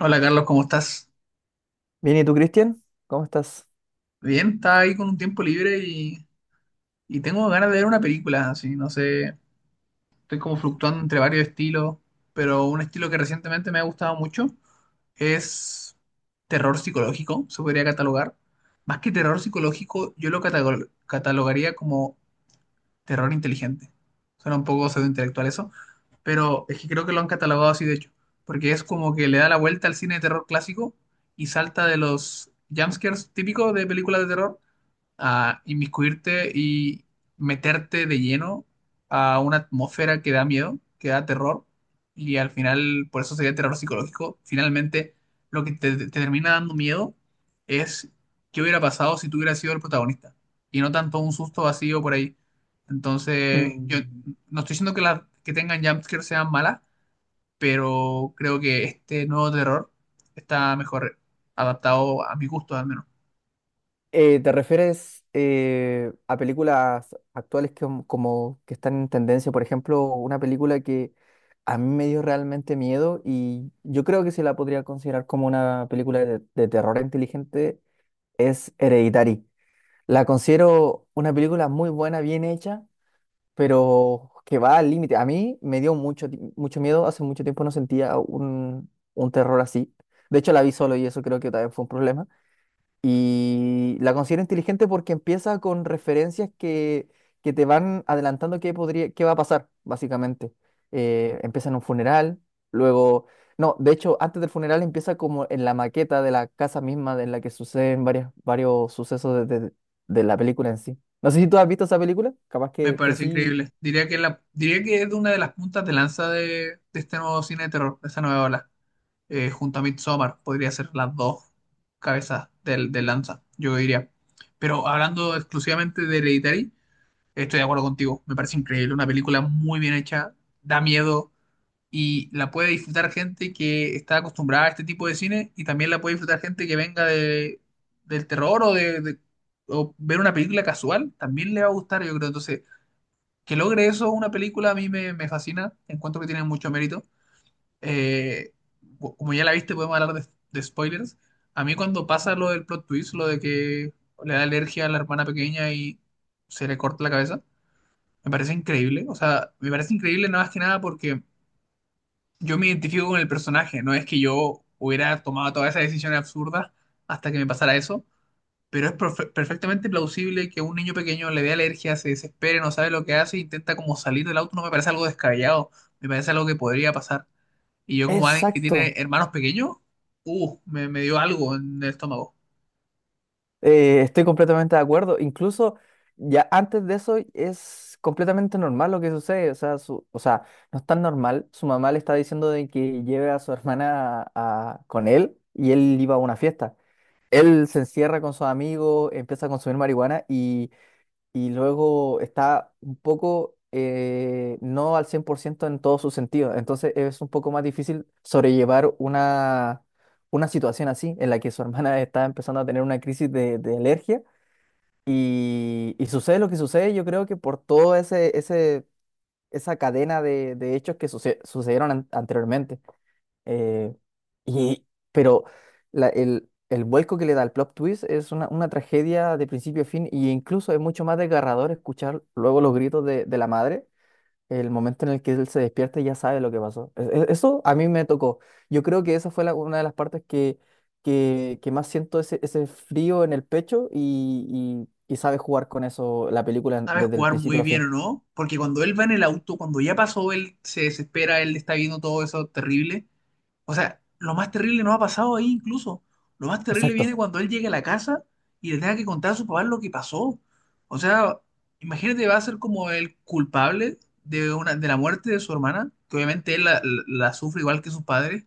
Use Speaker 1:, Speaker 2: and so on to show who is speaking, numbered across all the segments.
Speaker 1: Hola Carlos, ¿cómo estás?
Speaker 2: Bien, ¿y tú, Cristian? ¿Cómo estás?
Speaker 1: Bien, estaba ahí con un tiempo libre y tengo ganas de ver una película, así, no sé, estoy como fluctuando entre varios estilos, pero un estilo que recientemente me ha gustado mucho es terror psicológico, se podría catalogar. Más que terror psicológico, yo lo catalogaría como terror inteligente. Suena un poco pseudointelectual eso, pero es que creo que lo han catalogado así de hecho, porque es como que le da la vuelta al cine de terror clásico y salta de los jumpscares típicos de películas de terror a inmiscuirte y meterte de lleno a una atmósfera que da miedo, que da terror, y al final, por eso sería terror psicológico, finalmente lo que te termina dando miedo es qué hubiera pasado si tú hubieras sido el protagonista, y no tanto un susto vacío por ahí. Entonces, yo
Speaker 2: Mm.
Speaker 1: no estoy diciendo que las que tengan jumpscares sean malas, pero creo que este nuevo terror está mejor adaptado a mi gusto, al menos.
Speaker 2: ¿Te refieres a películas actuales que, como que están en tendencia? Por ejemplo, una película que a mí me dio realmente miedo y yo creo que se la podría considerar como una película de terror inteligente es Hereditary. La considero una película muy buena, bien hecha pero que va al límite. A mí me dio mucho, mucho miedo, hace mucho tiempo no sentía un terror así. De hecho, la vi solo y eso creo que también fue un problema. Y la considero inteligente porque empieza con referencias que te van adelantando qué podría, qué va a pasar, básicamente. Empieza en un funeral, luego... No, de hecho, antes del funeral empieza como en la maqueta de la casa misma en la que suceden varias, varios sucesos de, de la película en sí. No sé si tú has visto esa película, capaz
Speaker 1: Me
Speaker 2: que
Speaker 1: parece
Speaker 2: sí.
Speaker 1: increíble. Diría que, la, diría que es de una de las puntas de lanza de este nuevo cine de terror, de esta nueva ola. Junto a Midsommar, podría ser las dos cabezas del, de lanza, yo diría. Pero hablando exclusivamente de Hereditary, estoy de acuerdo contigo. Me parece increíble. Una película muy bien hecha, da miedo y la puede disfrutar gente que está acostumbrada a este tipo de cine y también la puede disfrutar gente que venga de, del terror o de- o ver una película casual, también le va a gustar, yo creo. Entonces que logre eso una película a mí me, me fascina, encuentro que tiene mucho mérito. Eh, Como ya la viste, podemos hablar de spoilers. A mí cuando pasa lo del plot twist, lo de que le da alergia a la hermana pequeña y se le corta la cabeza, me parece increíble. O sea, me parece increíble nada más que nada porque yo me identifico con el personaje, no es que yo hubiera tomado todas esas decisiones absurdas hasta que me pasara eso, pero es perfectamente plausible que un niño pequeño le dé alergia, se desespere, no sabe lo que hace, intenta como salir del auto, no me parece algo descabellado, me parece algo que podría pasar. Y yo como alguien que tiene
Speaker 2: Exacto.
Speaker 1: hermanos pequeños, me dio algo en el estómago.
Speaker 2: Estoy completamente de acuerdo. Incluso ya antes de eso es completamente normal lo que sucede. O sea, o sea, no es tan normal. Su mamá le está diciendo de que lleve a su hermana con él y él iba a una fiesta. Él se encierra con sus amigos, empieza a consumir marihuana y luego está un poco no al 100% en todos sus sentidos. Entonces es un poco más difícil sobrellevar una situación así, en la que su hermana está empezando a tener una crisis de alergia y sucede lo que sucede, yo creo que por todo ese, ese, esa cadena de hechos que sucedieron anteriormente. Eh, y, pero el vuelco que le da el plot twist es una tragedia de principio a fin, e incluso es mucho más desgarrador escuchar luego los gritos de la madre, el momento en el que él se despierta y ya sabe lo que pasó. Eso a mí me tocó. Yo creo que esa fue una de las partes que, que más siento ese, ese frío en el pecho y sabe jugar con eso la película
Speaker 1: Sabe
Speaker 2: desde el
Speaker 1: jugar
Speaker 2: principio
Speaker 1: muy
Speaker 2: a
Speaker 1: bien
Speaker 2: fin.
Speaker 1: o no, porque cuando él va en el auto, cuando ya pasó, él se desespera, él está viendo todo eso terrible. O sea, lo más terrible no ha pasado ahí incluso. Lo más terrible viene
Speaker 2: Exacto.
Speaker 1: cuando él llegue a la casa y le tenga que contar a su papá lo que pasó. O sea, imagínate, va a ser como el culpable de, una, de la muerte de su hermana, que obviamente él la sufre igual que sus padres,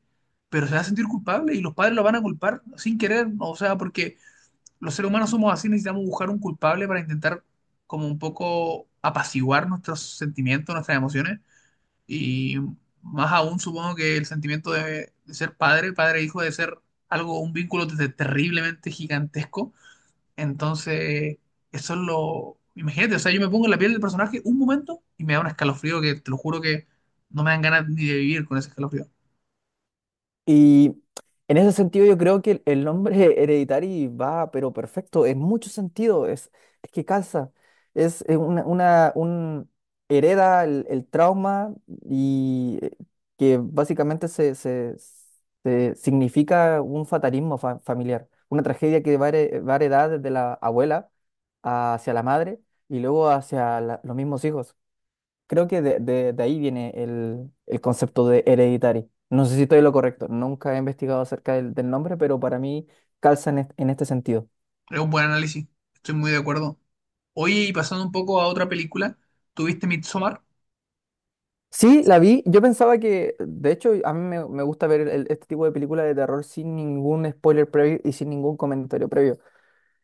Speaker 1: pero se va a sentir culpable y los padres lo van a culpar sin querer, ¿no? O sea, porque los seres humanos somos así, necesitamos buscar un culpable para intentar como un poco apaciguar nuestros sentimientos, nuestras emociones. Y más aún supongo que el sentimiento de ser padre, padre e hijo, de ser algo, un vínculo desde terriblemente gigantesco. Entonces, eso es lo... Imagínate, o sea, yo me pongo en la piel del personaje un momento y me da un escalofrío que te lo juro que no me dan ganas ni de vivir con ese escalofrío.
Speaker 2: Y en ese sentido yo creo que el nombre Hereditary va, pero perfecto, en mucho sentido, es que calza, es una, un, hereda el trauma y que básicamente se, se significa un fatalismo familiar, una tragedia que va, a va a heredar desde la abuela hacia la madre y luego hacia los mismos hijos. Creo que de, de ahí viene el concepto de hereditary. No sé si estoy en lo correcto, nunca he investigado acerca del, del nombre, pero para mí calza en, en este sentido.
Speaker 1: Es un buen análisis, estoy muy de acuerdo. Oye, y pasando un poco a otra película, ¿tuviste Midsommar?
Speaker 2: Sí, la vi, yo pensaba que, de hecho, a mí me, me gusta ver este tipo de películas de terror sin ningún spoiler previo y sin ningún comentario previo.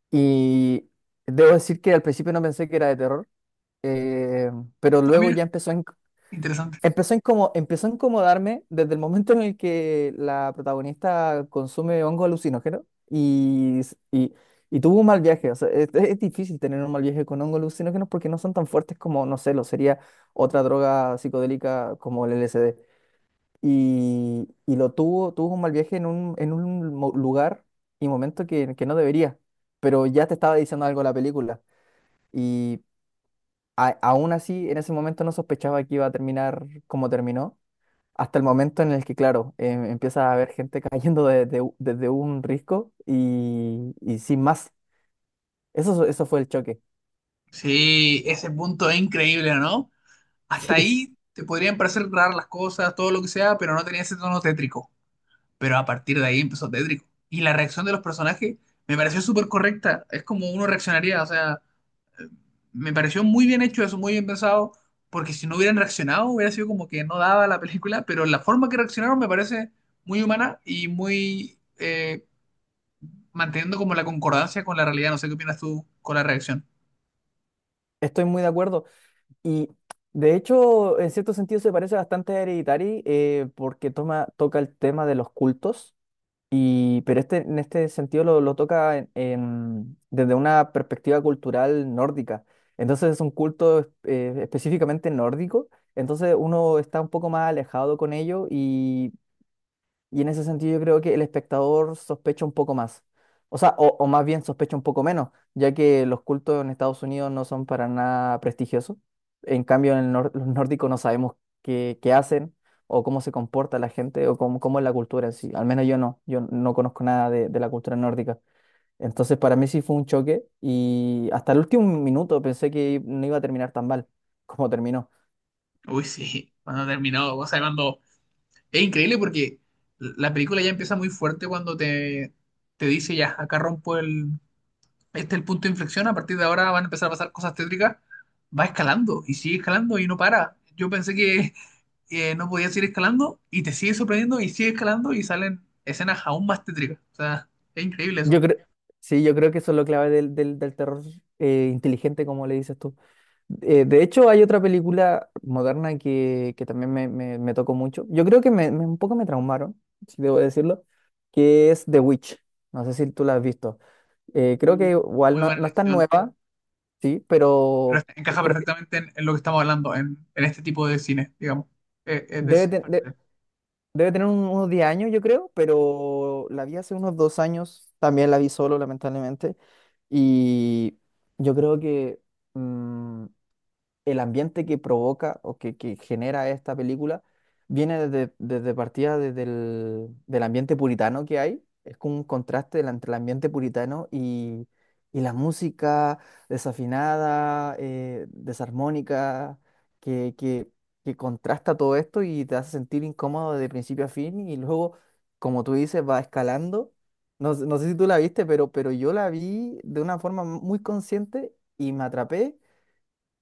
Speaker 2: Y debo decir que al principio no pensé que era de terror, eh, pero
Speaker 1: Ah,
Speaker 2: luego
Speaker 1: mira,
Speaker 2: ya empezó a,
Speaker 1: interesante.
Speaker 2: empezó a empezó a incomodarme desde el momento en el que la protagonista consume hongo alucinógeno y tuvo un mal viaje. O sea, es difícil tener un mal viaje con hongos alucinógenos porque no son tan fuertes como, no sé, lo sería otra droga psicodélica como el LSD. Y lo tuvo, tuvo un mal viaje en un lugar y momento que no debería, pero ya te estaba diciendo algo la película. Y aún así, en ese momento no sospechaba que iba a terminar como terminó hasta el momento en el que, claro, empieza a haber gente cayendo desde un risco y sin más. Eso fue el choque.
Speaker 1: Sí, ese punto es increíble, ¿no? Hasta
Speaker 2: Sí,
Speaker 1: ahí te podrían parecer raras las cosas, todo lo que sea, pero no tenía ese tono tétrico. Pero a partir de ahí empezó tétrico. Y la reacción de los personajes me pareció súper correcta. Es como uno reaccionaría. O sea, eh, me pareció muy bien hecho eso, muy bien pensado. Porque si no hubieran reaccionado, hubiera sido como que no daba la película. Pero la forma que reaccionaron me parece muy humana y muy manteniendo como la concordancia con la realidad. No sé qué opinas tú con la reacción.
Speaker 2: estoy muy de acuerdo. Y de hecho, en cierto sentido se parece bastante a Hereditary porque toma, toca el tema de los cultos, y, pero este, en este sentido lo toca desde una perspectiva cultural nórdica. Entonces es un culto específicamente nórdico. Entonces uno está un poco más alejado con ello. Y en ese sentido yo creo que el espectador sospecha un poco más. O sea, o más bien sospecha un poco menos, ya que los cultos en Estados Unidos no son para nada prestigiosos. En cambio, en el los nórdicos no sabemos qué, qué hacen o cómo se comporta la gente o cómo, cómo es la cultura en sí. Al menos yo no, yo no conozco nada de, de la cultura nórdica. Entonces, para mí sí fue un choque y hasta el último minuto pensé que no iba a terminar tan mal como terminó.
Speaker 1: Uy, sí, cuando terminó, o sea, cuando... Es increíble porque la película ya empieza muy fuerte cuando te dice ya, acá rompo el, este es el punto de inflexión, a partir de ahora van a empezar a pasar cosas tétricas, va escalando y sigue escalando y no para. Yo pensé que no podía seguir escalando y te sigue sorprendiendo y sigue escalando y salen escenas aún más tétricas. O sea, es increíble
Speaker 2: Yo
Speaker 1: eso.
Speaker 2: creo, sí, yo creo que eso es lo clave del, del terror inteligente, como le dices tú. De hecho, hay otra película moderna que también me, me tocó mucho. Yo creo que me, un poco me traumaron, si debo decirlo, que es The Witch. No sé si tú la has visto. Creo que
Speaker 1: Mm.
Speaker 2: igual
Speaker 1: Muy
Speaker 2: no,
Speaker 1: buena
Speaker 2: no es tan
Speaker 1: elección.
Speaker 2: nueva, sí,
Speaker 1: Pero
Speaker 2: pero
Speaker 1: encaja
Speaker 2: creo que
Speaker 1: perfectamente en lo que estamos hablando, en este tipo de cine, digamos. Es
Speaker 2: debe,
Speaker 1: de-
Speaker 2: te- de-
Speaker 1: parte.
Speaker 2: debe tener unos 10 años, yo creo, pero la vi hace unos 2 años. También la vi solo, lamentablemente. Y yo creo que... Mm, el ambiente que provoca o que genera esta película viene desde, desde partida desde el, del ambiente puritano que hay. Es como un contraste entre el ambiente puritano y la música desafinada, desarmónica, que, que, que contrasta todo esto y te hace sentir incómodo de principio a fin y luego, como tú dices, va escalando. No sé si tú la viste, pero yo la vi de una forma muy consciente y me atrapé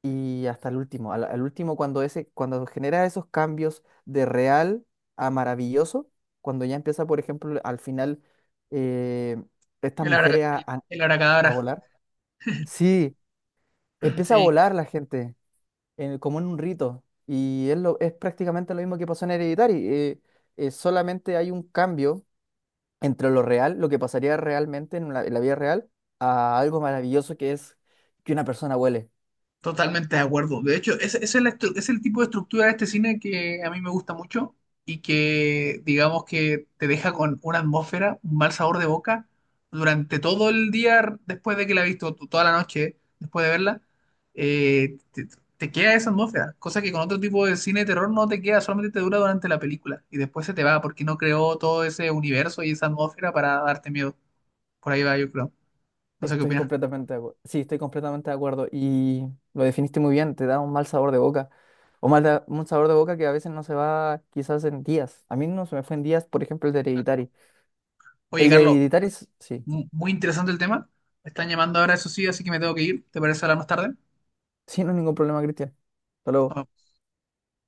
Speaker 2: y hasta el último. Al, al último, cuando ese, cuando genera esos cambios de real a maravilloso, cuando ya empieza, por ejemplo, al final eh, estas
Speaker 1: El
Speaker 2: mujeres
Speaker 1: el
Speaker 2: a
Speaker 1: abracadabra,
Speaker 2: volar. Sí, empieza a
Speaker 1: sí.
Speaker 2: volar la gente, como en un rito. Y es, lo, es prácticamente lo mismo que pasó en Hereditary. Solamente hay un cambio entre lo real, lo que pasaría realmente en la vida real, a algo maravilloso que es que una persona huele.
Speaker 1: Totalmente de acuerdo. De hecho, ese es, la es el tipo de estructura de este cine que a mí me gusta mucho y que, digamos que te deja con una atmósfera, un mal sabor de boca durante todo el día después de que la has visto, toda la noche después de verla, eh, te, te queda esa atmósfera, cosa que con otro tipo de cine de terror no te queda, solamente te dura durante la película y después se te va porque no creó todo ese universo y esa atmósfera para darte miedo. Por ahí va, yo creo. No sé qué
Speaker 2: Estoy
Speaker 1: opinas.
Speaker 2: completamente de acuerdo. Sí, estoy completamente de acuerdo. Y lo definiste muy bien, te da un mal sabor de boca. O un sabor de boca que a veces no se va quizás en días. A mí no se me fue en días, por ejemplo, el de Hereditary.
Speaker 1: Oye,
Speaker 2: El de
Speaker 1: Carlos,
Speaker 2: Hereditary, sí.
Speaker 1: Muy interesante el tema. Me están llamando ahora, eso sí, así que me tengo que ir. ¿Te parece hablar más tarde? Nos
Speaker 2: Sí, no hay ningún problema, Cristian. Hasta luego.
Speaker 1: vemos.